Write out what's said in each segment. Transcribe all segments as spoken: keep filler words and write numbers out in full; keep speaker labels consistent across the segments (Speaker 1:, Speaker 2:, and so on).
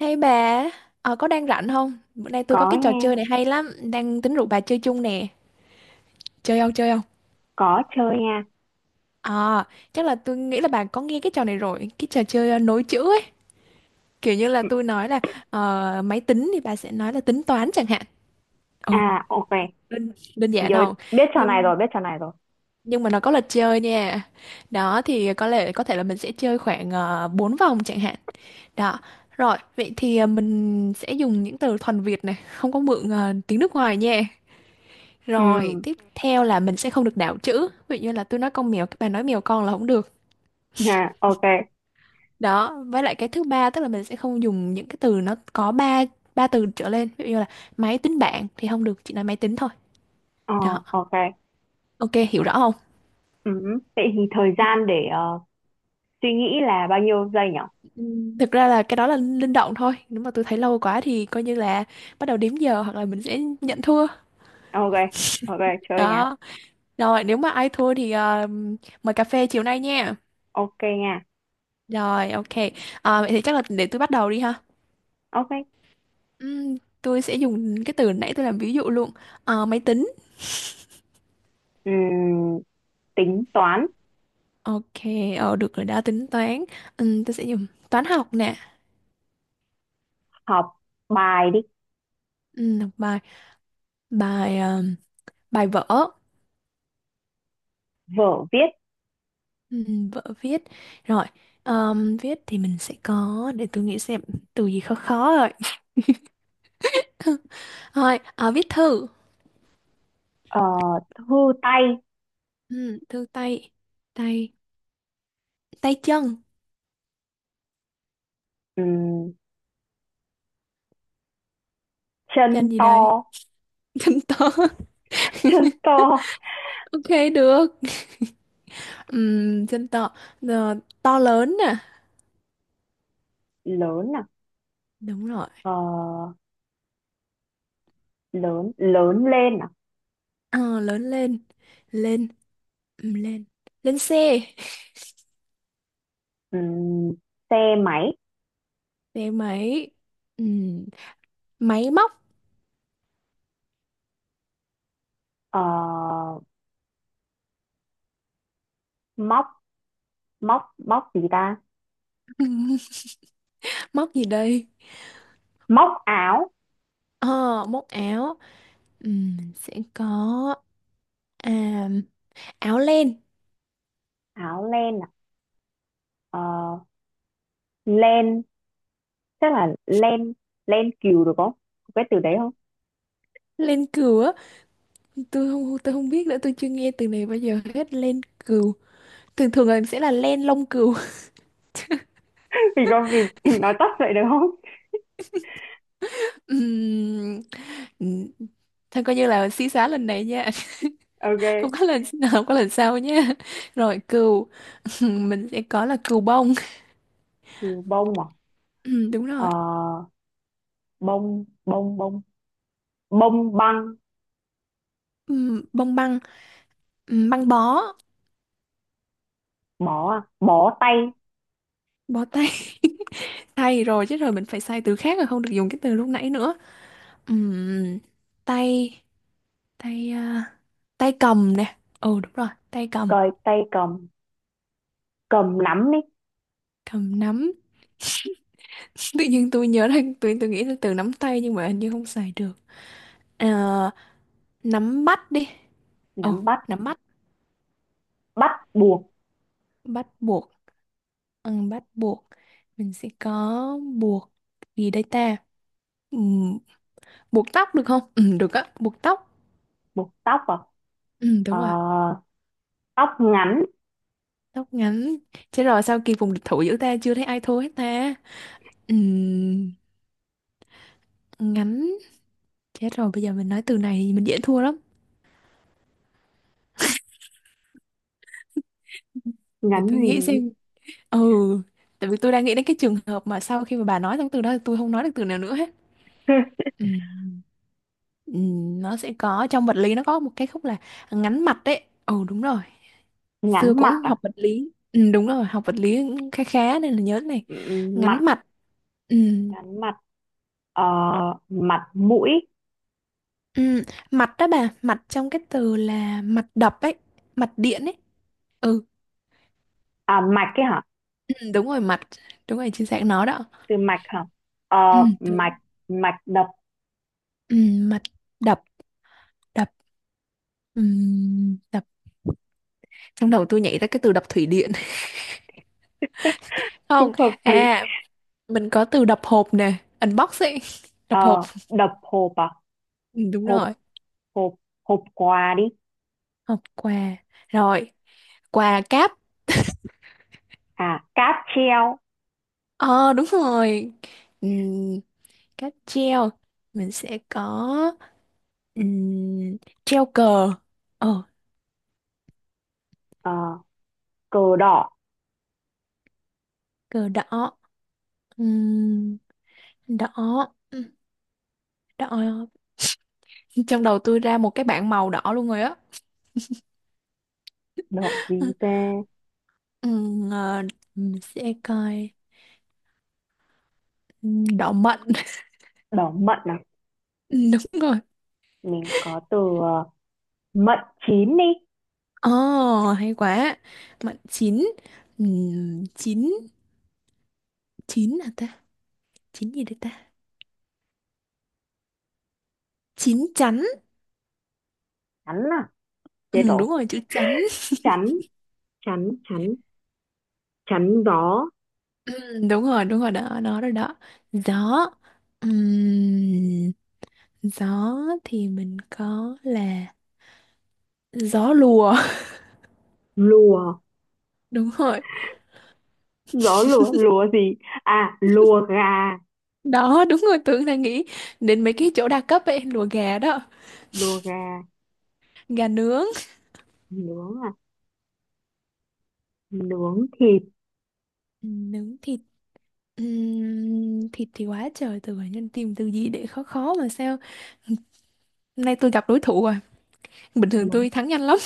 Speaker 1: Hey bà, ờ, có đang rảnh không? Bữa nay tôi có
Speaker 2: Có
Speaker 1: cái trò
Speaker 2: nha.
Speaker 1: chơi này hay lắm, đang tính rủ bà chơi chung nè. Chơi không, chơi không?
Speaker 2: Có chơi nha.
Speaker 1: Ờ, chắc là tôi nghĩ là bà có nghe cái trò này rồi, cái trò chơi ờ, nối chữ ấy. Kiểu như là tôi nói là ờ, máy tính thì bà sẽ nói là tính toán chẳng hạn. Ừ,
Speaker 2: À, ok.
Speaker 1: đơn, đơn giản
Speaker 2: Rồi,
Speaker 1: không?
Speaker 2: biết trò này
Speaker 1: Nhưng
Speaker 2: rồi, biết trò này rồi.
Speaker 1: nhưng mà nó có luật chơi nha. Đó thì có lẽ có thể là mình sẽ chơi khoảng uh, bốn vòng chẳng hạn. Đó. Rồi, vậy thì ờ, mình sẽ dùng những từ thuần Việt này, không có mượn ờ, tiếng nước ngoài nha. Rồi,
Speaker 2: Ừ,
Speaker 1: tiếp theo là mình sẽ không được đảo chữ. Ví dụ như là tôi nói con mèo, các bạn nói mèo con là không được.
Speaker 2: ha, ok.
Speaker 1: Đó, với lại cái thứ ba tức là mình sẽ không dùng những cái từ nó có ba ba từ trở lên. Ví dụ như là máy tính bảng thì không được, chỉ nói máy tính thôi.
Speaker 2: ờ
Speaker 1: Đó,
Speaker 2: ok.
Speaker 1: ok, hiểu rõ không?
Speaker 2: Ừ, vậy thì thời gian để ờ, suy nghĩ là bao nhiêu giây nhỉ?
Speaker 1: Ừm, Thực ra là cái đó là linh động thôi. Nếu mà tôi thấy lâu quá thì coi như là bắt đầu đếm giờ hoặc là mình sẽ nhận thua.
Speaker 2: Ok, ok, chơi nha.
Speaker 1: Đó. Rồi, nếu mà ai thua thì ờ, mời cà phê chiều nay nha.
Speaker 2: Ok nha.
Speaker 1: Rồi, ok. Ờ, vậy thì chắc là để tôi bắt đầu đi ha.
Speaker 2: Ok.
Speaker 1: Ừm, tôi sẽ dùng cái từ nãy tôi làm ví dụ luôn. Ờ, máy tính.
Speaker 2: Ừ, tính toán.
Speaker 1: Ok, ờ, được rồi đó, tính toán. Ừm, tôi sẽ dùng toán học nè.
Speaker 2: Học bài đi.
Speaker 1: Ừm, học bài, bài ờm, bài vở.
Speaker 2: Vở viết.
Speaker 1: Ừm, vở viết rồi, ờm, viết thì mình sẽ có, để tôi nghĩ xem từ gì khó khó rồi. Thôi, ờ, viết thư.
Speaker 2: Ờ, thư tay.
Speaker 1: Ừm, thư tay, tay, tay chân,
Speaker 2: Ừ, chân
Speaker 1: chân gì đấy.
Speaker 2: to.
Speaker 1: Chân to.
Speaker 2: Chân to
Speaker 1: Ok, được. Ừm, chân to. Ờ, to lớn nè,
Speaker 2: lớn à?
Speaker 1: đúng rồi.
Speaker 2: Ờ, lớn, lớn lên à?
Speaker 1: Ờ, lớn lên, lên, ừ, lên, lên xe,
Speaker 2: Ừm, xe máy.
Speaker 1: xe máy, ừ, máy móc.
Speaker 2: Ờ, móc, móc, móc gì ta?
Speaker 1: Móc gì đây,
Speaker 2: Móc áo.
Speaker 1: ờ, móc áo, ừ, mình sẽ có, à, áo len.
Speaker 2: Áo len à? Ờ, len, chắc là len, len cừu được không? Có cái từ đấy không?
Speaker 1: Len cừu á, tôi không tôi không biết nữa, tôi chưa nghe từ này bao giờ hết. Len cừu thường thường là sẽ là len lông cừu.
Speaker 2: Vì con, vì mình nói tắt vậy được không?
Speaker 1: Ừm, ừ, thôi coi như là xí xá lần này nha.
Speaker 2: Ok.
Speaker 1: không có lần Không có lần sau nha. Rồi, cừu. Mình sẽ có là cừu bông.
Speaker 2: Từ bông à?
Speaker 1: Ừm, đúng
Speaker 2: Ờ,
Speaker 1: rồi.
Speaker 2: bông, bông, bông, bông băng.
Speaker 1: Ừm, bông băng, ừm, băng bó,
Speaker 2: Bó à? Bó tay.
Speaker 1: bó tay. Tay rồi chứ, rồi mình phải xài từ khác rồi, không được dùng cái từ lúc nãy nữa. Ừm, tay, tay à, tay cầm nè. Ừ đúng rồi, tay cầm,
Speaker 2: Cởi tay cầm, cầm nắm đi.
Speaker 1: cầm nắm. Tự nhiên tôi nhớ ra, tôi tôi nghĩ là từ nắm tay nhưng mà hình như không xài được. Ờ, nắm bắt đi. Ừ,
Speaker 2: Nắm bắt.
Speaker 1: nắm bắt,
Speaker 2: Bắt buộc.
Speaker 1: bắt buộc. Ừ, bắt buộc. Mình sẽ có buộc gì đây ta? Buộc tóc được không, ừ được á, buộc tóc,
Speaker 2: Buộc tóc à?
Speaker 1: ừ
Speaker 2: Ờ,
Speaker 1: đúng rồi.
Speaker 2: tóc ngắn.
Speaker 1: Tóc ngắn, chết rồi, sao kỳ vùng địch thủ giữa ta chưa thấy ai thua hết ta. Ừ, ngắn, chết rồi, bây giờ mình nói từ này thì mình dễ thua lắm, để
Speaker 2: Ngắn
Speaker 1: tôi nghĩ
Speaker 2: gì?
Speaker 1: xem. Ừ, tại vì tôi đang nghĩ đến cái trường hợp mà sau khi mà bà nói xong từ đó thì tôi không nói được từ nào nữa hết. Ừ. Ừ, nó sẽ có trong vật lý, nó có một cái khúc là ngắn mặt đấy, ừ đúng rồi, xưa
Speaker 2: Ngắn mặt
Speaker 1: cũng học
Speaker 2: à?
Speaker 1: vật lý, ừ, đúng rồi, học vật lý cũng khá khá nên là nhớ cái này.
Speaker 2: Ừm, mặt.
Speaker 1: Ngắn mặt, ừ,
Speaker 2: Ngắn mặt. Ờ, mặt mũi.
Speaker 1: Ừ, mạch đó bà, mạch trong cái từ là mạch đập ấy, mạch điện ấy. Ừ,
Speaker 2: À, mạch cái hả?
Speaker 1: ừ đúng rồi mạch, đúng rồi chính xác nó đó.
Speaker 2: Từ mạch hả?
Speaker 1: Ừ,
Speaker 2: Ờ,
Speaker 1: đúng.
Speaker 2: mạch. Mạch đập.
Speaker 1: Ừ, mạch đập, đập, ừ, đập. Trong đầu tôi nhảy ra cái từ đập thủy điện.
Speaker 2: Cũng
Speaker 1: Không,
Speaker 2: hợp lý.
Speaker 1: à, mình có từ đập hộp nè, unbox ấy, đập hộp.
Speaker 2: Ờ, đập hộp à?
Speaker 1: Ừ, đúng
Speaker 2: Hộp,
Speaker 1: rồi,
Speaker 2: hộp, hộp quà đi.
Speaker 1: hộp quà. Rồi, quà cáp.
Speaker 2: À, cáp treo.
Speaker 1: Ờ, đúng rồi. Ừ, cáp treo. Mình sẽ có, ừ, treo cờ. Ờ,
Speaker 2: Ờ, cờ đỏ.
Speaker 1: cờ đỏ. Ừm, đỏ, Ừm, đỏ, trong đầu tôi ra một cái bảng màu đỏ luôn rồi á.
Speaker 2: Đỏ gì ta?
Speaker 1: Ừm, ờ, mình sẽ coi, Ừm, đỏ mận.
Speaker 2: Đỏ mận à?
Speaker 1: Đúng rồi.
Speaker 2: Mình có từ ờ, mận chín đi.
Speaker 1: Ồ, hay quá, mận chín. Ừm, chín, chín là ta, chín gì đây ta, chín chắn.
Speaker 2: Chắn à? Chết
Speaker 1: Ừm,
Speaker 2: rồi.
Speaker 1: đúng rồi, chữ chắn.
Speaker 2: Chắn, chắn chắn, chắn gió.
Speaker 1: Ừm, đúng rồi, đúng rồi đó, đó đó đó. Gió, Ừm, gió thì mình có là gió lùa.
Speaker 2: Lùa.
Speaker 1: Đúng rồi
Speaker 2: Gió lùa, lùa gì, à lùa gà.
Speaker 1: đó, đúng rồi, tưởng là nghĩ đến mấy cái chỗ đa cấp ấy, lùa gà đó.
Speaker 2: Lùa gà.
Speaker 1: Gà nướng,
Speaker 2: Nướng à? Nướng thịt.
Speaker 1: ừ, nướng thịt. Ừm, thịt thì quá trời từ, bản nhân tìm từ gì để khó khó mà sao hôm nay tôi gặp đối thủ rồi, bình thường
Speaker 2: Nướng.
Speaker 1: tôi thắng nhanh lắm.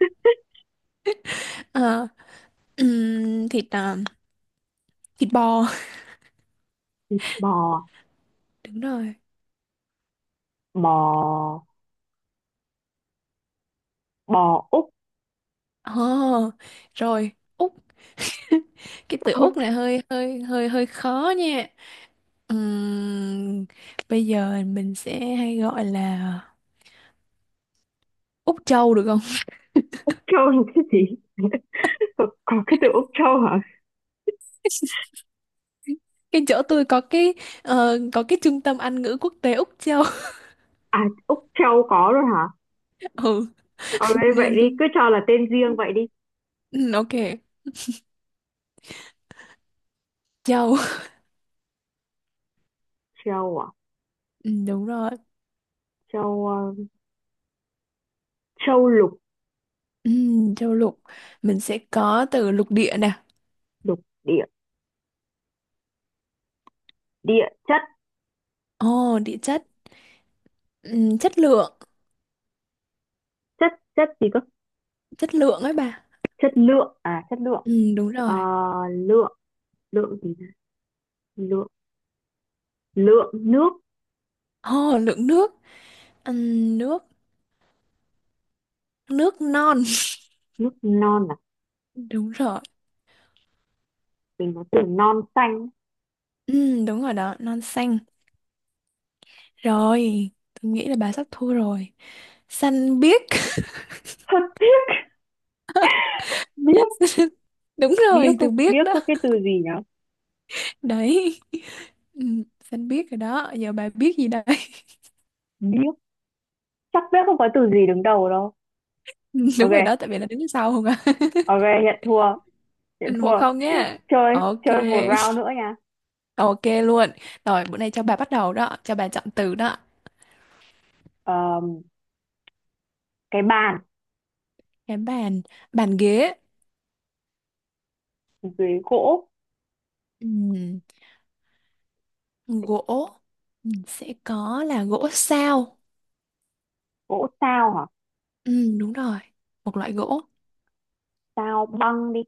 Speaker 1: Ờ, ừm, thịt à, thịt bò,
Speaker 2: Bò.
Speaker 1: đúng rồi.
Speaker 2: Bò, bò Úc.
Speaker 1: Oh, rồi, Úc. Cái từ Úc này hơi hơi hơi hơi khó nha. Ừm, bây giờ mình sẽ hay gọi là Úc Châu được không.
Speaker 2: Châu là cái gì? có, có cái từ Úc Châu hả?
Speaker 1: Cái chỗ tôi có cái, ờ, có cái trung tâm Anh ngữ quốc tế Úc Châu.
Speaker 2: À, Úc Châu có rồi hả?
Speaker 1: Ừ.
Speaker 2: Ờ, thế
Speaker 1: Nên là
Speaker 2: vậy đi,
Speaker 1: tôi,
Speaker 2: cứ cho là tên riêng vậy đi.
Speaker 1: ừ, ok, châu,
Speaker 2: Châu à?
Speaker 1: ừ, đúng rồi,
Speaker 2: Châu, ờ, châu lục.
Speaker 1: ừ, châu lục, mình sẽ có từ lục địa nè.
Speaker 2: Lục địa. Địa chất.
Speaker 1: Ồ, địa chất, ừ, chất lượng.
Speaker 2: Chất, chất gì cơ?
Speaker 1: Chất lượng ấy bà,
Speaker 2: Chất lượng à? Chất lượng.
Speaker 1: ừ, đúng
Speaker 2: Ờ,
Speaker 1: rồi.
Speaker 2: lượng, lượng gì, lượng, lượng nước.
Speaker 1: Ồ, lượng nước, ừ, nước, nước non.
Speaker 2: Nước non à?
Speaker 1: Đúng rồi,
Speaker 2: Mình có từ non xanh.
Speaker 1: ừ, đúng rồi đó, non xanh, rồi, tôi nghĩ là bà sắp thua rồi, xanh biếc.
Speaker 2: Thật. Biết.
Speaker 1: Đúng
Speaker 2: Biếc,
Speaker 1: rồi,
Speaker 2: có
Speaker 1: từ biếc
Speaker 2: biếc,
Speaker 1: đó.
Speaker 2: có cái từ gì nhỉ?
Speaker 1: Đấy, ừ, xanh biết rồi đó, giờ bà biết gì đây.
Speaker 2: Biếc, chắc biếc không có từ gì đứng đầu đâu.
Speaker 1: Ừ, đúng
Speaker 2: Ok,
Speaker 1: rồi đó, tại vì là đứng sau không à.
Speaker 2: ok, nhận thua, nhận
Speaker 1: Ừ, một
Speaker 2: thua.
Speaker 1: không nhá.
Speaker 2: Chơi,
Speaker 1: Ok,
Speaker 2: chơi một round nữa nha.
Speaker 1: ok luôn. Rồi, bữa nay cho bà bắt đầu đó, cho bà chọn từ đó.
Speaker 2: Ờm, cái bàn.
Speaker 1: Cái bàn, bàn ghế.
Speaker 2: Dưới gỗ.
Speaker 1: Ừm, gỗ, Ừm, sẽ có là gỗ sao.
Speaker 2: Gỗ sao hả?
Speaker 1: Ừm, đúng rồi, một loại gỗ.
Speaker 2: Sao băng đi.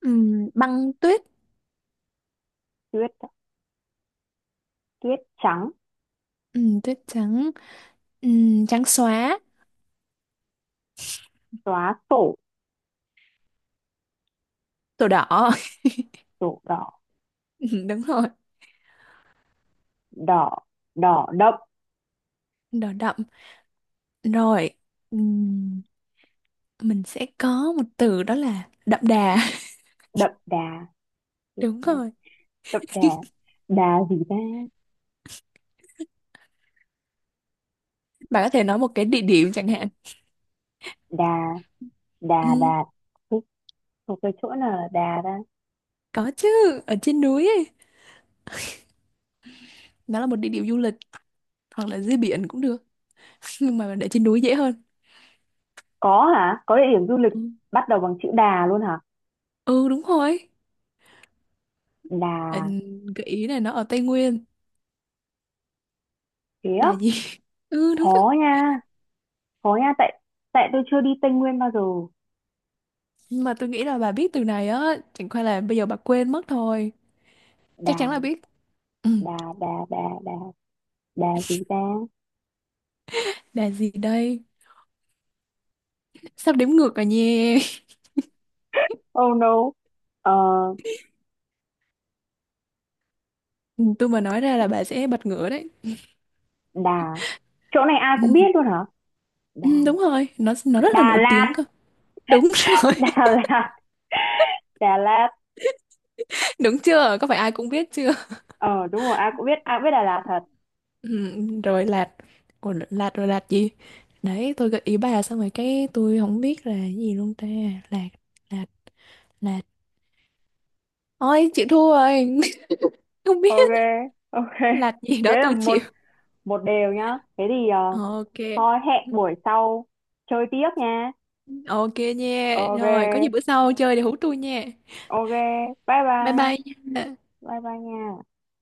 Speaker 1: Ừm, băng tuyết,
Speaker 2: Tuyết, tuyết trắng.
Speaker 1: Ừm, tuyết trắng, Ừm, trắng xóa,
Speaker 2: Xóa sổ.
Speaker 1: đồ đỏ.
Speaker 2: Sổ đỏ.
Speaker 1: Ừm, đúng rồi,
Speaker 2: Đỏ, đỏ đậm.
Speaker 1: đỏ đậm, rồi, Ừm, mình sẽ có một từ đó là đậm đà.
Speaker 2: Đậm đà.
Speaker 1: Đúng rồi.
Speaker 2: Đậm đà. Đà gì ta?
Speaker 1: Bạn có thể nói một cái địa điểm chẳng hạn,
Speaker 2: Đà, đà,
Speaker 1: ừ,
Speaker 2: đà. Ê, một cái chỗ nào là đà ta?
Speaker 1: có chứ, ở trên núi ấy. Nó là một địa điểm du lịch hoặc là dưới biển cũng được, nhưng mà để trên núi dễ hơn.
Speaker 2: Có hả? Có địa điểm du lịch
Speaker 1: Ừ,
Speaker 2: bắt đầu bằng chữ đà luôn hả?
Speaker 1: ừ đúng rồi.
Speaker 2: Đà
Speaker 1: Bạn, gợi ý này nó ở Tây Nguyên.
Speaker 2: khía.
Speaker 1: Đà gì, ừ đúng rồi,
Speaker 2: Khó nha, khó nha tại, tại tôi chưa đi Tây Nguyên bao giờ.
Speaker 1: nhưng mà tôi nghĩ là bà biết từ này á, chẳng qua là bây giờ bà quên mất thôi, chắc chắn là
Speaker 2: Đà,
Speaker 1: biết. Ừ,
Speaker 2: đà, đà, đà, đà. Đà gì ta?
Speaker 1: đà gì đây, sắp đếm ngược rồi nha.
Speaker 2: Oh no. Ờ,
Speaker 1: Ừ, tôi mà nói ra là bà sẽ bật ngửa đấy.
Speaker 2: Đà, chỗ này ai
Speaker 1: Ừ.
Speaker 2: cũng biết luôn hả? Đà,
Speaker 1: Ừ, đúng rồi, nó nó rất là
Speaker 2: Đà
Speaker 1: nổi tiếng
Speaker 2: Lạt.
Speaker 1: cơ. Đúng rồi,
Speaker 2: Đà Lạt. Đà Lạt.
Speaker 1: đúng chưa? Có phải ai cũng biết chưa?
Speaker 2: Ờ, đúng rồi, ai cũng biết, ai cũng biết Đà Lạt thật.
Speaker 1: Ừ, rồi lạt. Ủa, lạt rồi lạt gì? Đấy, tôi gợi ý bà xong rồi cái tôi không biết là cái gì luôn ta. Lạt, lạt, lạt. Ôi, chịu thua rồi. Không biết
Speaker 2: Ok, ok,
Speaker 1: lạt gì
Speaker 2: thế
Speaker 1: đó
Speaker 2: là
Speaker 1: tôi
Speaker 2: một,
Speaker 1: chịu.
Speaker 2: một đều nhá. Thế thì ờ,
Speaker 1: Ok.
Speaker 2: thôi hẹn buổi sau chơi tiếp nha.
Speaker 1: Ok nha.
Speaker 2: Ok,
Speaker 1: Rồi, có gì bữa sau chơi để hú tôi nha.
Speaker 2: ok, bye
Speaker 1: Bye
Speaker 2: bye.
Speaker 1: bye nha.
Speaker 2: Bye bye nha.